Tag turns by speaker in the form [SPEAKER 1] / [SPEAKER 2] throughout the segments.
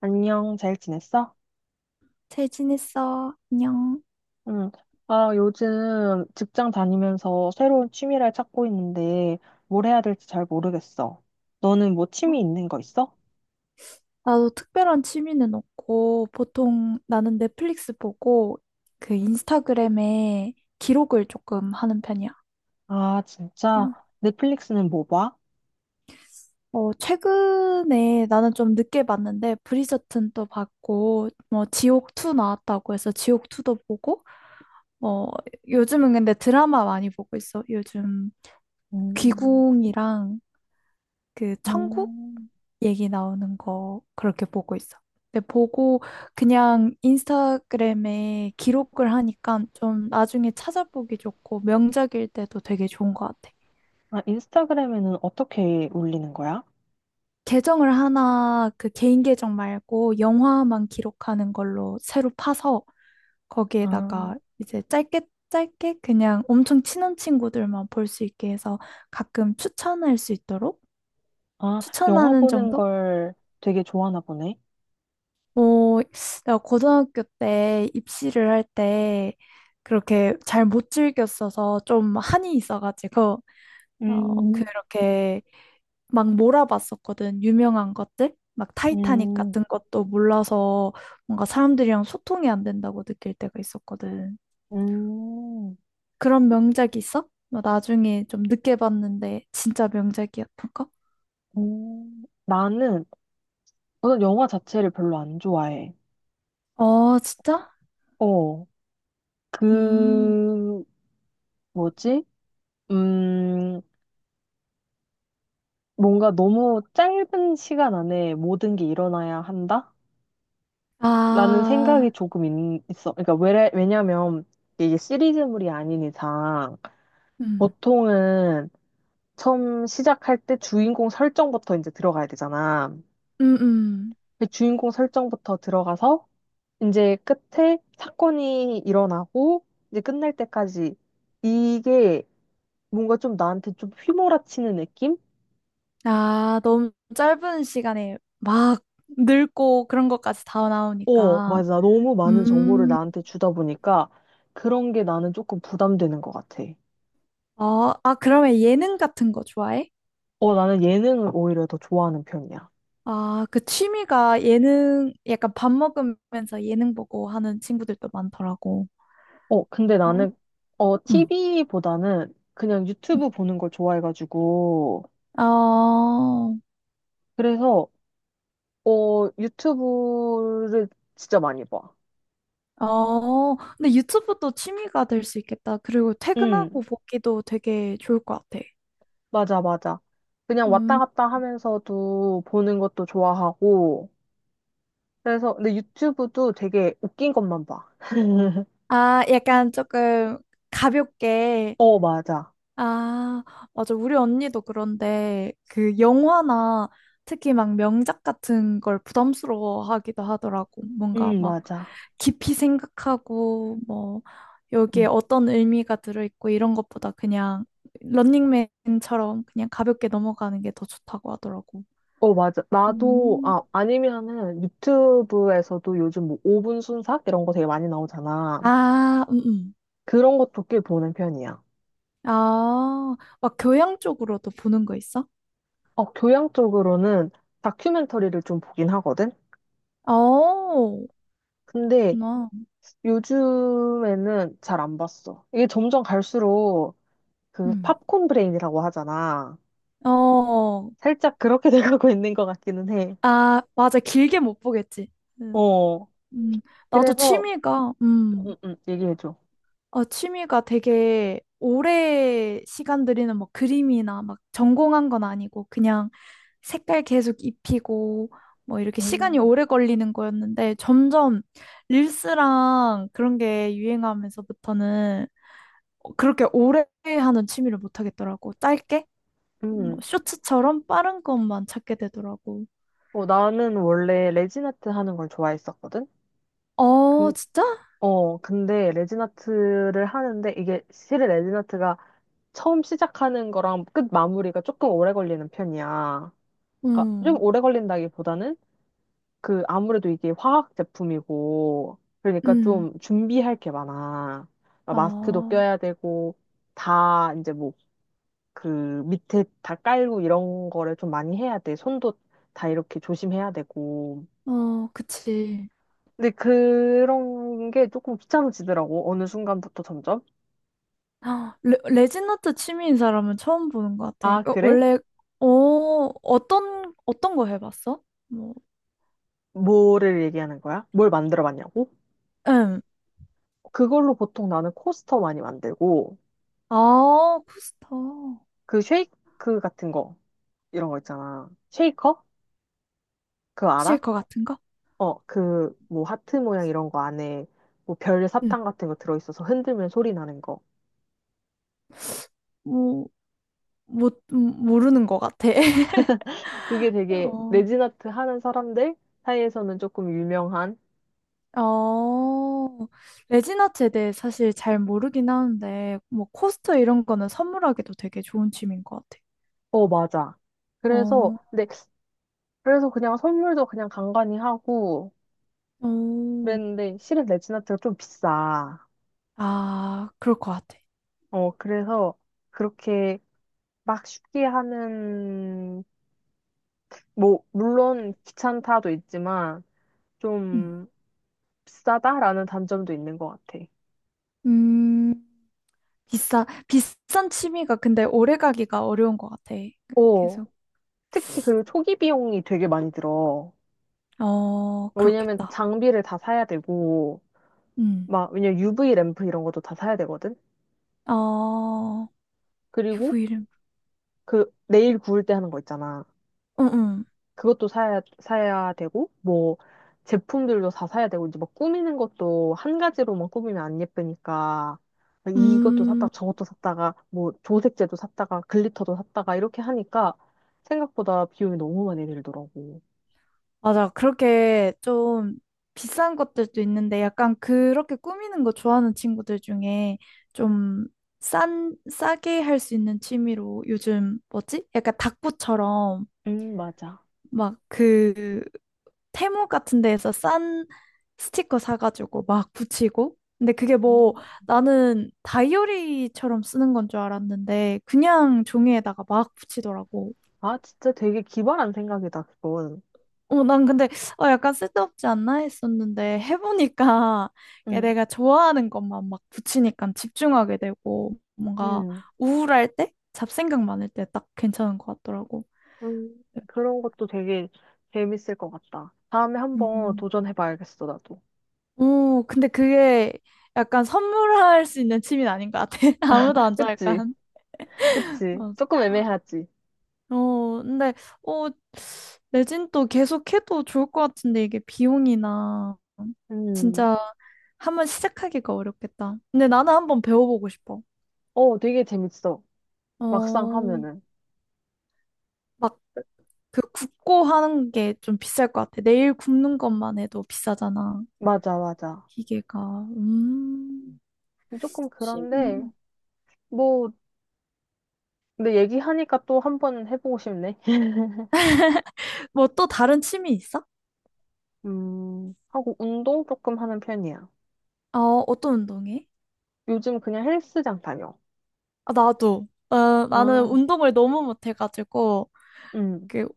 [SPEAKER 1] 안녕, 잘 지냈어?
[SPEAKER 2] 잘 지냈어. 안녕.
[SPEAKER 1] 응. 아, 요즘 직장 다니면서 새로운 취미를 찾고 있는데 뭘 해야 될지 잘 모르겠어. 너는 뭐
[SPEAKER 2] 어,
[SPEAKER 1] 취미 있는 거 있어?
[SPEAKER 2] 나도 특별한 취미는 없고, 보통 나는 넷플릭스 보고, 그 인스타그램에 기록을 조금 하는 편이야.
[SPEAKER 1] 아, 진짜?
[SPEAKER 2] 어,
[SPEAKER 1] 넷플릭스는 뭐 봐?
[SPEAKER 2] 최근에 나는 좀 늦게 봤는데, 브리저튼도 봤고, 뭐, 지옥2 나왔다고 해서 지옥2도 보고, 어, 요즘은 근데 드라마 많이 보고 있어. 요즘
[SPEAKER 1] 음,
[SPEAKER 2] 귀궁이랑 그 천국?
[SPEAKER 1] 음.
[SPEAKER 2] 얘기 나오는 거 그렇게 보고 있어. 근데 보고 그냥 인스타그램에 기록을 하니까 좀 나중에 찾아보기 좋고 명작일 때도 되게 좋은 것 같아.
[SPEAKER 1] 아, 인스타그램에는 어떻게 올리는 거야?
[SPEAKER 2] 계정을 하나 그 개인 계정 말고 영화만 기록하는 걸로 새로 파서
[SPEAKER 1] 아,
[SPEAKER 2] 거기에다가 이제 짧게 그냥 엄청 친한 친구들만 볼 수 있게 해서 가끔 추천할 수 있도록
[SPEAKER 1] 아, 영화
[SPEAKER 2] 추천하는
[SPEAKER 1] 보는
[SPEAKER 2] 정도?
[SPEAKER 1] 걸 되게 좋아하나 보네.
[SPEAKER 2] 어, 내가 고등학교 때 입시를 할 때 그렇게 잘 못 즐겼어서 좀 한이 있어가지고, 어,
[SPEAKER 1] 음,
[SPEAKER 2] 그렇게 막 몰아봤었거든. 유명한 것들? 막 타이타닉
[SPEAKER 1] 음,
[SPEAKER 2] 같은 것도 몰라서 뭔가 사람들이랑 소통이 안 된다고 느낄 때가 있었거든.
[SPEAKER 1] 음,
[SPEAKER 2] 그런 명작이 있어? 나 나중에 좀 늦게 봤는데 진짜 명작이었던 거?
[SPEAKER 1] 나는 우선 영화 자체를 별로 안 좋아해.
[SPEAKER 2] 어, 진짜?
[SPEAKER 1] 어.
[SPEAKER 2] 음.
[SPEAKER 1] 그, 뭐지? 음, 뭔가 너무 짧은 시간 안에 모든 게 일어나야 한다? 라는
[SPEAKER 2] 아,
[SPEAKER 1] 생각이 조금 있어. 그러니까 왜냐면 이게 시리즈물이 아닌 이상
[SPEAKER 2] 음.
[SPEAKER 1] 보통은 처음 시작할 때 주인공 설정부터 이제 들어가야 되잖아.
[SPEAKER 2] 음, 음.
[SPEAKER 1] 그 주인공 설정부터 들어가서 이제 끝에 사건이 일어나고 이제 끝날 때까지 이게 뭔가 좀 나한테 좀 휘몰아치는 느낌?
[SPEAKER 2] 아, 너무 짧은 시간에 막 늙고 그런 것까지 다
[SPEAKER 1] 어,
[SPEAKER 2] 나오니까.
[SPEAKER 1] 맞아. 너무 많은 정보를
[SPEAKER 2] 음,
[SPEAKER 1] 나한테 주다 보니까 그런 게 나는 조금 부담되는 것 같아.
[SPEAKER 2] 아, 그러면 예능 같은 거 좋아해?
[SPEAKER 1] 어, 나는 예능을 오히려 더 좋아하는 편이야.
[SPEAKER 2] 아, 그 취미가 예능, 약간 밥 먹으면서 예능 보고 하는 친구들도 많더라고.
[SPEAKER 1] 어, 근데
[SPEAKER 2] 어?
[SPEAKER 1] 나는, 어,
[SPEAKER 2] 응.
[SPEAKER 1] TV보다는 그냥
[SPEAKER 2] 응.
[SPEAKER 1] 유튜브 보는 걸 좋아해가지고.
[SPEAKER 2] 어,
[SPEAKER 1] 그래서, 어, 유튜브를 진짜 많이 봐.
[SPEAKER 2] 근데 유튜브도 취미가 될 수 있겠다. 그리고 퇴근하고
[SPEAKER 1] 응,
[SPEAKER 2] 보기도 되게 좋을 것 같아.
[SPEAKER 1] 맞아, 맞아. 그냥 왔다
[SPEAKER 2] 음.
[SPEAKER 1] 갔다 하면서도 보는 것도 좋아하고. 그래서, 근데 유튜브도 되게 웃긴 것만 봐.
[SPEAKER 2] 아, 약간 조금 가볍게.
[SPEAKER 1] 어, 맞아.
[SPEAKER 2] 아, 맞아. 우리 언니도 그런데 그 영화나 특히 막 명작 같은 걸 부담스러워 하기도 하더라고. 뭔가
[SPEAKER 1] 응,
[SPEAKER 2] 막
[SPEAKER 1] 맞아.
[SPEAKER 2] 깊이 생각하고 뭐 여기에 어떤 의미가 들어있고 이런 것보다 그냥 런닝맨처럼 그냥 가볍게 넘어가는 게 더 좋다고 하더라고.
[SPEAKER 1] 어, 맞아. 나도,
[SPEAKER 2] 음.
[SPEAKER 1] 아, 아니면은 유튜브에서도 요즘 뭐 5분 순삭? 이런 거 되게 많이 나오잖아.
[SPEAKER 2] 아,
[SPEAKER 1] 그런 것도 꽤 보는 편이야.
[SPEAKER 2] 아, 막 교양 쪽으로도 보는 거 있어?
[SPEAKER 1] 어, 교양 쪽으로는 다큐멘터리를 좀 보긴 하거든?
[SPEAKER 2] 어,
[SPEAKER 1] 근데
[SPEAKER 2] 그렇구나.
[SPEAKER 1] 요즘에는 잘 안 봤어. 이게 점점 갈수록 그
[SPEAKER 2] 음.
[SPEAKER 1] 팝콘 브레인이라고 하잖아.
[SPEAKER 2] 어,
[SPEAKER 1] 살짝 그렇게 돼가고 있는 것 같기는 해.
[SPEAKER 2] 아, 맞아. 길게 못 보겠지. 응.
[SPEAKER 1] 어,
[SPEAKER 2] 음, 나도
[SPEAKER 1] 그래서,
[SPEAKER 2] 취미가,
[SPEAKER 1] 응, 응, 얘기해줘.
[SPEAKER 2] 아, 취미가 되게 오래 시간 들이는 막 그림이나 막 전공한 건 아니고 그냥 색깔 계속 입히고 뭐 이렇게 시간이
[SPEAKER 1] 음.
[SPEAKER 2] 오래 걸리는 거였는데 점점 릴스랑 그런 게 유행하면서부터는 그렇게 오래 하는 취미를 못 하겠더라고. 짧게? 뭐
[SPEAKER 1] 음,
[SPEAKER 2] 쇼츠처럼 빠른 것만 찾게 되더라고.
[SPEAKER 1] 어, 나는 원래 레지나트 하는 걸 좋아했었거든?
[SPEAKER 2] 어, 진짜?
[SPEAKER 1] 어, 근데 레진아트를 하는데 이게 실은 레진아트가 처음 시작하는 거랑 끝 마무리가 조금 오래 걸리는 편이야. 그러니까 좀
[SPEAKER 2] 음.
[SPEAKER 1] 오래 걸린다기보다는 그 아무래도 이게 화학 제품이고 그러니까
[SPEAKER 2] 음.
[SPEAKER 1] 좀 준비할 게 많아. 막 마스크도
[SPEAKER 2] 아,
[SPEAKER 1] 껴야 되고 다 이제 뭐 그 밑에 다 깔고 이런 거를 좀 많이 해야 돼. 손도 다 이렇게 조심해야 되고.
[SPEAKER 2] 어, 그치.
[SPEAKER 1] 근데 그런 게 조금 귀찮아지더라고. 어느 순간부터 점점.
[SPEAKER 2] 아, 레진아트 취미인 사람은 처음 보는 것 같아.
[SPEAKER 1] 아,
[SPEAKER 2] 어,
[SPEAKER 1] 그래?
[SPEAKER 2] 원래. 어, 어떤 거 해봤어? 뭐,
[SPEAKER 1] 뭐를 얘기하는 거야? 뭘 만들어 봤냐고?
[SPEAKER 2] 응.
[SPEAKER 1] 그걸로 보통 나는 코스터 많이 만들고,
[SPEAKER 2] 아, 코스터.
[SPEAKER 1] 그 쉐이크 같은 거, 이런 거 있잖아. 쉐이커? 그거 알아?
[SPEAKER 2] 실컷 같은 거?
[SPEAKER 1] 어, 그, 뭐, 하트 모양 이런 거 안에, 뭐, 별
[SPEAKER 2] 응.
[SPEAKER 1] 사탕 같은 거 들어있어서 흔들면 소리 나는 거.
[SPEAKER 2] 뭐, 못, 모르는 것 같아.
[SPEAKER 1] 그게 되게
[SPEAKER 2] 어,
[SPEAKER 1] 레진 아트 하는 사람들 사이에서는 조금 유명한,
[SPEAKER 2] 어, 레진아트에 대해 사실 잘 모르긴 하는데, 뭐, 코스터 이런 거는 선물하기도 되게 좋은 취미인 것 같아.
[SPEAKER 1] 어, 맞아. 그래서,
[SPEAKER 2] 어,
[SPEAKER 1] 근데, 그래서 그냥 선물도 그냥 간간히 하고,
[SPEAKER 2] 어,
[SPEAKER 1] 그랬는데, 실은 레진 아트가 좀 비싸.
[SPEAKER 2] 아, 그럴 것 같아.
[SPEAKER 1] 어, 그래서, 그렇게 막 쉽게 하는, 뭐, 물론 귀찮다도 있지만,
[SPEAKER 2] 응.
[SPEAKER 1] 좀 비싸다라는 단점도 있는 것 같아.
[SPEAKER 2] 음, 비싼 취미가 근데 오래 가기가 어려운 것 같아.
[SPEAKER 1] 어,
[SPEAKER 2] 계속.
[SPEAKER 1] 특히 그리고 초기 비용이 되게 많이 들어.
[SPEAKER 2] 어,
[SPEAKER 1] 왜냐면
[SPEAKER 2] 그렇겠다.
[SPEAKER 1] 장비를 다 사야 되고,
[SPEAKER 2] 음.
[SPEAKER 1] 막, 왜냐면 UV 램프 이런 것도 다 사야 되거든?
[SPEAKER 2] 어,
[SPEAKER 1] 그리고
[SPEAKER 2] 유부 이름.
[SPEAKER 1] 그 네일 구울 때 하는 거 있잖아.
[SPEAKER 2] 응, 응.
[SPEAKER 1] 그것도 사야 되고, 뭐, 제품들도 다 사야 되고, 이제 뭐 꾸미는 것도 한 가지로만 꾸미면 안 예쁘니까, 이것도 샀다,
[SPEAKER 2] 음,
[SPEAKER 1] 저것도 샀다가, 뭐, 조색제도 샀다가, 글리터도 샀다가, 이렇게 하니까 생각보다 비용이 너무 많이 들더라고.
[SPEAKER 2] 맞아. 그렇게 좀 비싼 것들도 있는데 약간 그렇게 꾸미는 거 좋아하는 친구들 중에 좀 싸게 할 수 있는 취미로 요즘 뭐지? 약간 닭부처럼
[SPEAKER 1] 맞아.
[SPEAKER 2] 막그 테무 같은 데에서 싼 스티커 사가지고 막 붙이고. 근데 그게 뭐
[SPEAKER 1] 음.
[SPEAKER 2] 나는 다이어리처럼 쓰는 건 줄 알았는데 그냥 종이에다가 막 붙이더라고.
[SPEAKER 1] 아, 진짜 되게 기발한 생각이다, 그건.
[SPEAKER 2] 어, 난 근데 약간 쓸데없지 않나 했었는데 해보니까 이게
[SPEAKER 1] 응,
[SPEAKER 2] 내가 좋아하는 것만 막 붙이니까 집중하게 되고 뭔가
[SPEAKER 1] 응,
[SPEAKER 2] 우울할 때, 잡생각 많을 때 딱 괜찮은 것 같더라고.
[SPEAKER 1] 응, 그런 것도 되게 재밌을 것 같다. 다음에 한번
[SPEAKER 2] 음.
[SPEAKER 1] 도전해봐야겠어, 나도.
[SPEAKER 2] 오, 근데 그게 약간 선물할 수 있는 취미는 아닌 것 같아. 아무도 안 좋아,
[SPEAKER 1] 그치?
[SPEAKER 2] 약간.
[SPEAKER 1] 그치?
[SPEAKER 2] 어,
[SPEAKER 1] 조금 애매하지?
[SPEAKER 2] 근데, 어, 레진도 계속 해도 좋을 것 같은데, 이게 비용이나,
[SPEAKER 1] 음,
[SPEAKER 2] 진짜 한번 시작하기가 어렵겠다. 근데 나는 한번 배워보고 싶어.
[SPEAKER 1] 어, 되게 재밌어. 막상
[SPEAKER 2] 어,
[SPEAKER 1] 하면은.
[SPEAKER 2] 막 그 굽고 하는 게 좀 비쌀 것 같아. 내일 굽는 것만 해도 비싸잖아,
[SPEAKER 1] 맞아, 맞아.
[SPEAKER 2] 기계가. 음,
[SPEAKER 1] 조금 그런데,
[SPEAKER 2] 취미.
[SPEAKER 1] 뭐, 근데 얘기하니까 또 한번 해보고 싶네.
[SPEAKER 2] 뭐 또 다른 취미 있어?
[SPEAKER 1] 하고 운동 조금 하는 편이야.
[SPEAKER 2] 어, 어떤 운동해?
[SPEAKER 1] 요즘 그냥 헬스장 다녀.
[SPEAKER 2] 아, 나도. 나는
[SPEAKER 1] 아,
[SPEAKER 2] 운동을 너무 못해가지고,
[SPEAKER 1] 음.
[SPEAKER 2] 그,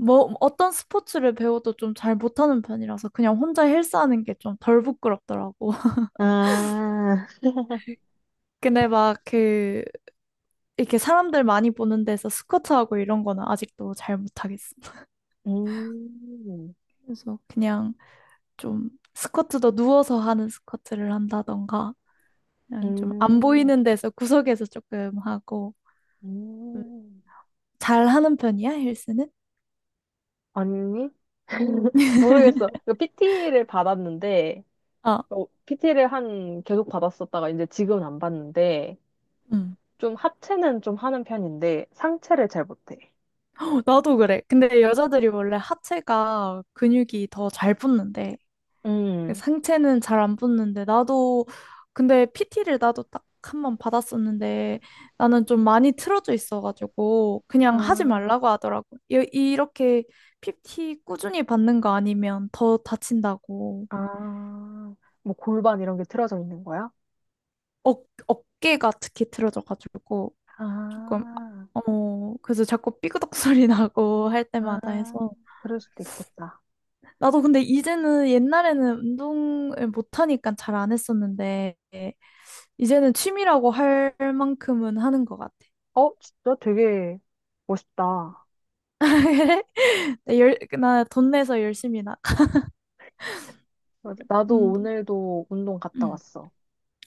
[SPEAKER 2] 뭐, 어떤 스포츠를 배워도 좀 잘 못하는 편이라서 그냥 혼자 헬스하는 게 좀 덜 부끄럽더라고.
[SPEAKER 1] 아,
[SPEAKER 2] 근데 막 그, 이렇게 사람들 많이 보는 데서 스쿼트하고 이런 거는 아직도 잘 못하겠어.
[SPEAKER 1] 음,
[SPEAKER 2] 그래서 그냥 좀 스쿼트도 누워서 하는 스쿼트를 한다던가, 그냥 좀 안
[SPEAKER 1] 음,
[SPEAKER 2] 보이는 데서 구석에서 조금 하고, 음,
[SPEAKER 1] 음.
[SPEAKER 2] 잘 하는 편이야, 헬스는?
[SPEAKER 1] 아니? 모르겠어. 이 PT를 받았는데,
[SPEAKER 2] 아,
[SPEAKER 1] PT를 한, 계속 받았었다가 이제 지금은 안 받는데,
[SPEAKER 2] 응.
[SPEAKER 1] 좀 하체는 좀 하는 편인데 상체를 잘 못해.
[SPEAKER 2] 나도 그래. 근데 여자들이 원래 하체가 근육이 더 잘 붙는데
[SPEAKER 1] 음.
[SPEAKER 2] 상체는 잘 안 붙는데 나도 근데 PT를 나도 딱 한번 받았었는데 나는 좀 많이 틀어져 있어가지고 그냥 하지
[SPEAKER 1] 아,
[SPEAKER 2] 말라고 하더라고. 이렇게 PT 꾸준히 받는 거 아니면 더 다친다고.
[SPEAKER 1] 아, 뭐 골반 이런 게 틀어져 있는 거야?
[SPEAKER 2] 어, 어깨가 특히 틀어져가지고 조금
[SPEAKER 1] 아,
[SPEAKER 2] 그래서 자꾸 삐그덕 소리 나고 할
[SPEAKER 1] 아,
[SPEAKER 2] 때마다 해서,
[SPEAKER 1] 그럴 수도 있겠다.
[SPEAKER 2] 나도 근데 이제는 옛날에는 운동을 못하니까 잘 안 했었는데, 이제는 취미라고 할 만큼은 하는 것 같아.
[SPEAKER 1] 어, 진짜 되게 멋있다.
[SPEAKER 2] 그래? 나 돈 내서 열심히 나.
[SPEAKER 1] 맞아. 나도
[SPEAKER 2] 운동.
[SPEAKER 1] 오늘도 운동 갔다
[SPEAKER 2] 응.
[SPEAKER 1] 왔어.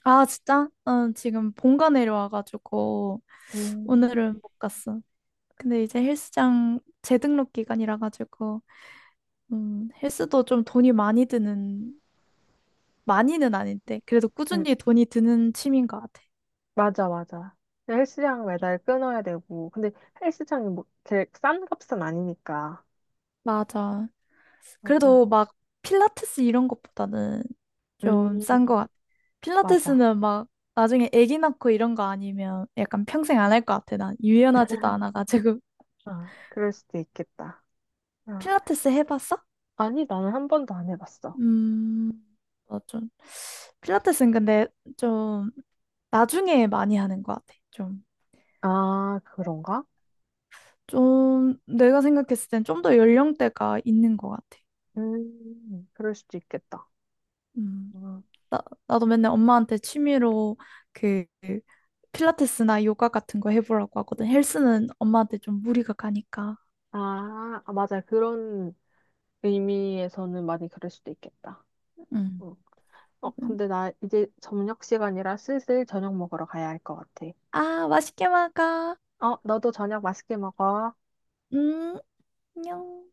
[SPEAKER 2] 아, 진짜? 난 지금 본가 내려와가지고,
[SPEAKER 1] 음.
[SPEAKER 2] 오늘은 못 갔어. 근데 이제 헬스장 재등록 기간이라 가지고, 헬스도 좀 돈이 많이 드는, 많이는 아닌데, 그래도
[SPEAKER 1] 응,
[SPEAKER 2] 꾸준히 돈이 드는 취미인 것 같아.
[SPEAKER 1] 맞아, 맞아. 근데 헬스장 매달 끊어야 되고. 근데 헬스장이 뭐, 제일 싼 값은 아니니까.
[SPEAKER 2] 맞아.
[SPEAKER 1] 맞아,
[SPEAKER 2] 그래도 막 필라테스 이런 것보다는 좀 싼 것
[SPEAKER 1] 음.
[SPEAKER 2] 같아.
[SPEAKER 1] 맞아.
[SPEAKER 2] 필라테스는 막 나중에 아기 낳고 이런 거 아니면 약간 평생 안 할 것 같아. 난 유연하지도 않아가지고.
[SPEAKER 1] 아, 그럴 수도 있겠다. 아.
[SPEAKER 2] 필라테스 해봤어?
[SPEAKER 1] 아니, 나는 한 번도 안 해봤어.
[SPEAKER 2] 음, 나 좀. 필라테스는 근데 좀 나중에 많이 하는 것 같아. 좀,
[SPEAKER 1] 아, 그런가?
[SPEAKER 2] 좀 내가 생각했을 땐 좀 더 연령대가 있는 것 같아.
[SPEAKER 1] 그럴 수도 있겠다.
[SPEAKER 2] 음.
[SPEAKER 1] 아,
[SPEAKER 2] 나도 맨날 엄마한테 취미로 그 필라테스나 요가 같은 거 해보라고 하거든. 헬스는 엄마한테 좀 무리가 가니까.
[SPEAKER 1] 아, 아, 맞아. 그런 의미에서는 많이 그럴 수도 있겠다.
[SPEAKER 2] 응.
[SPEAKER 1] 응. 어,
[SPEAKER 2] 응.
[SPEAKER 1] 근데 나 이제 저녁 시간이라 슬슬 저녁 먹으러 가야 할 것 같아.
[SPEAKER 2] 아, 맛있게 먹어.
[SPEAKER 1] 어, 너도 저녁 맛있게 먹어.
[SPEAKER 2] 음, 안녕.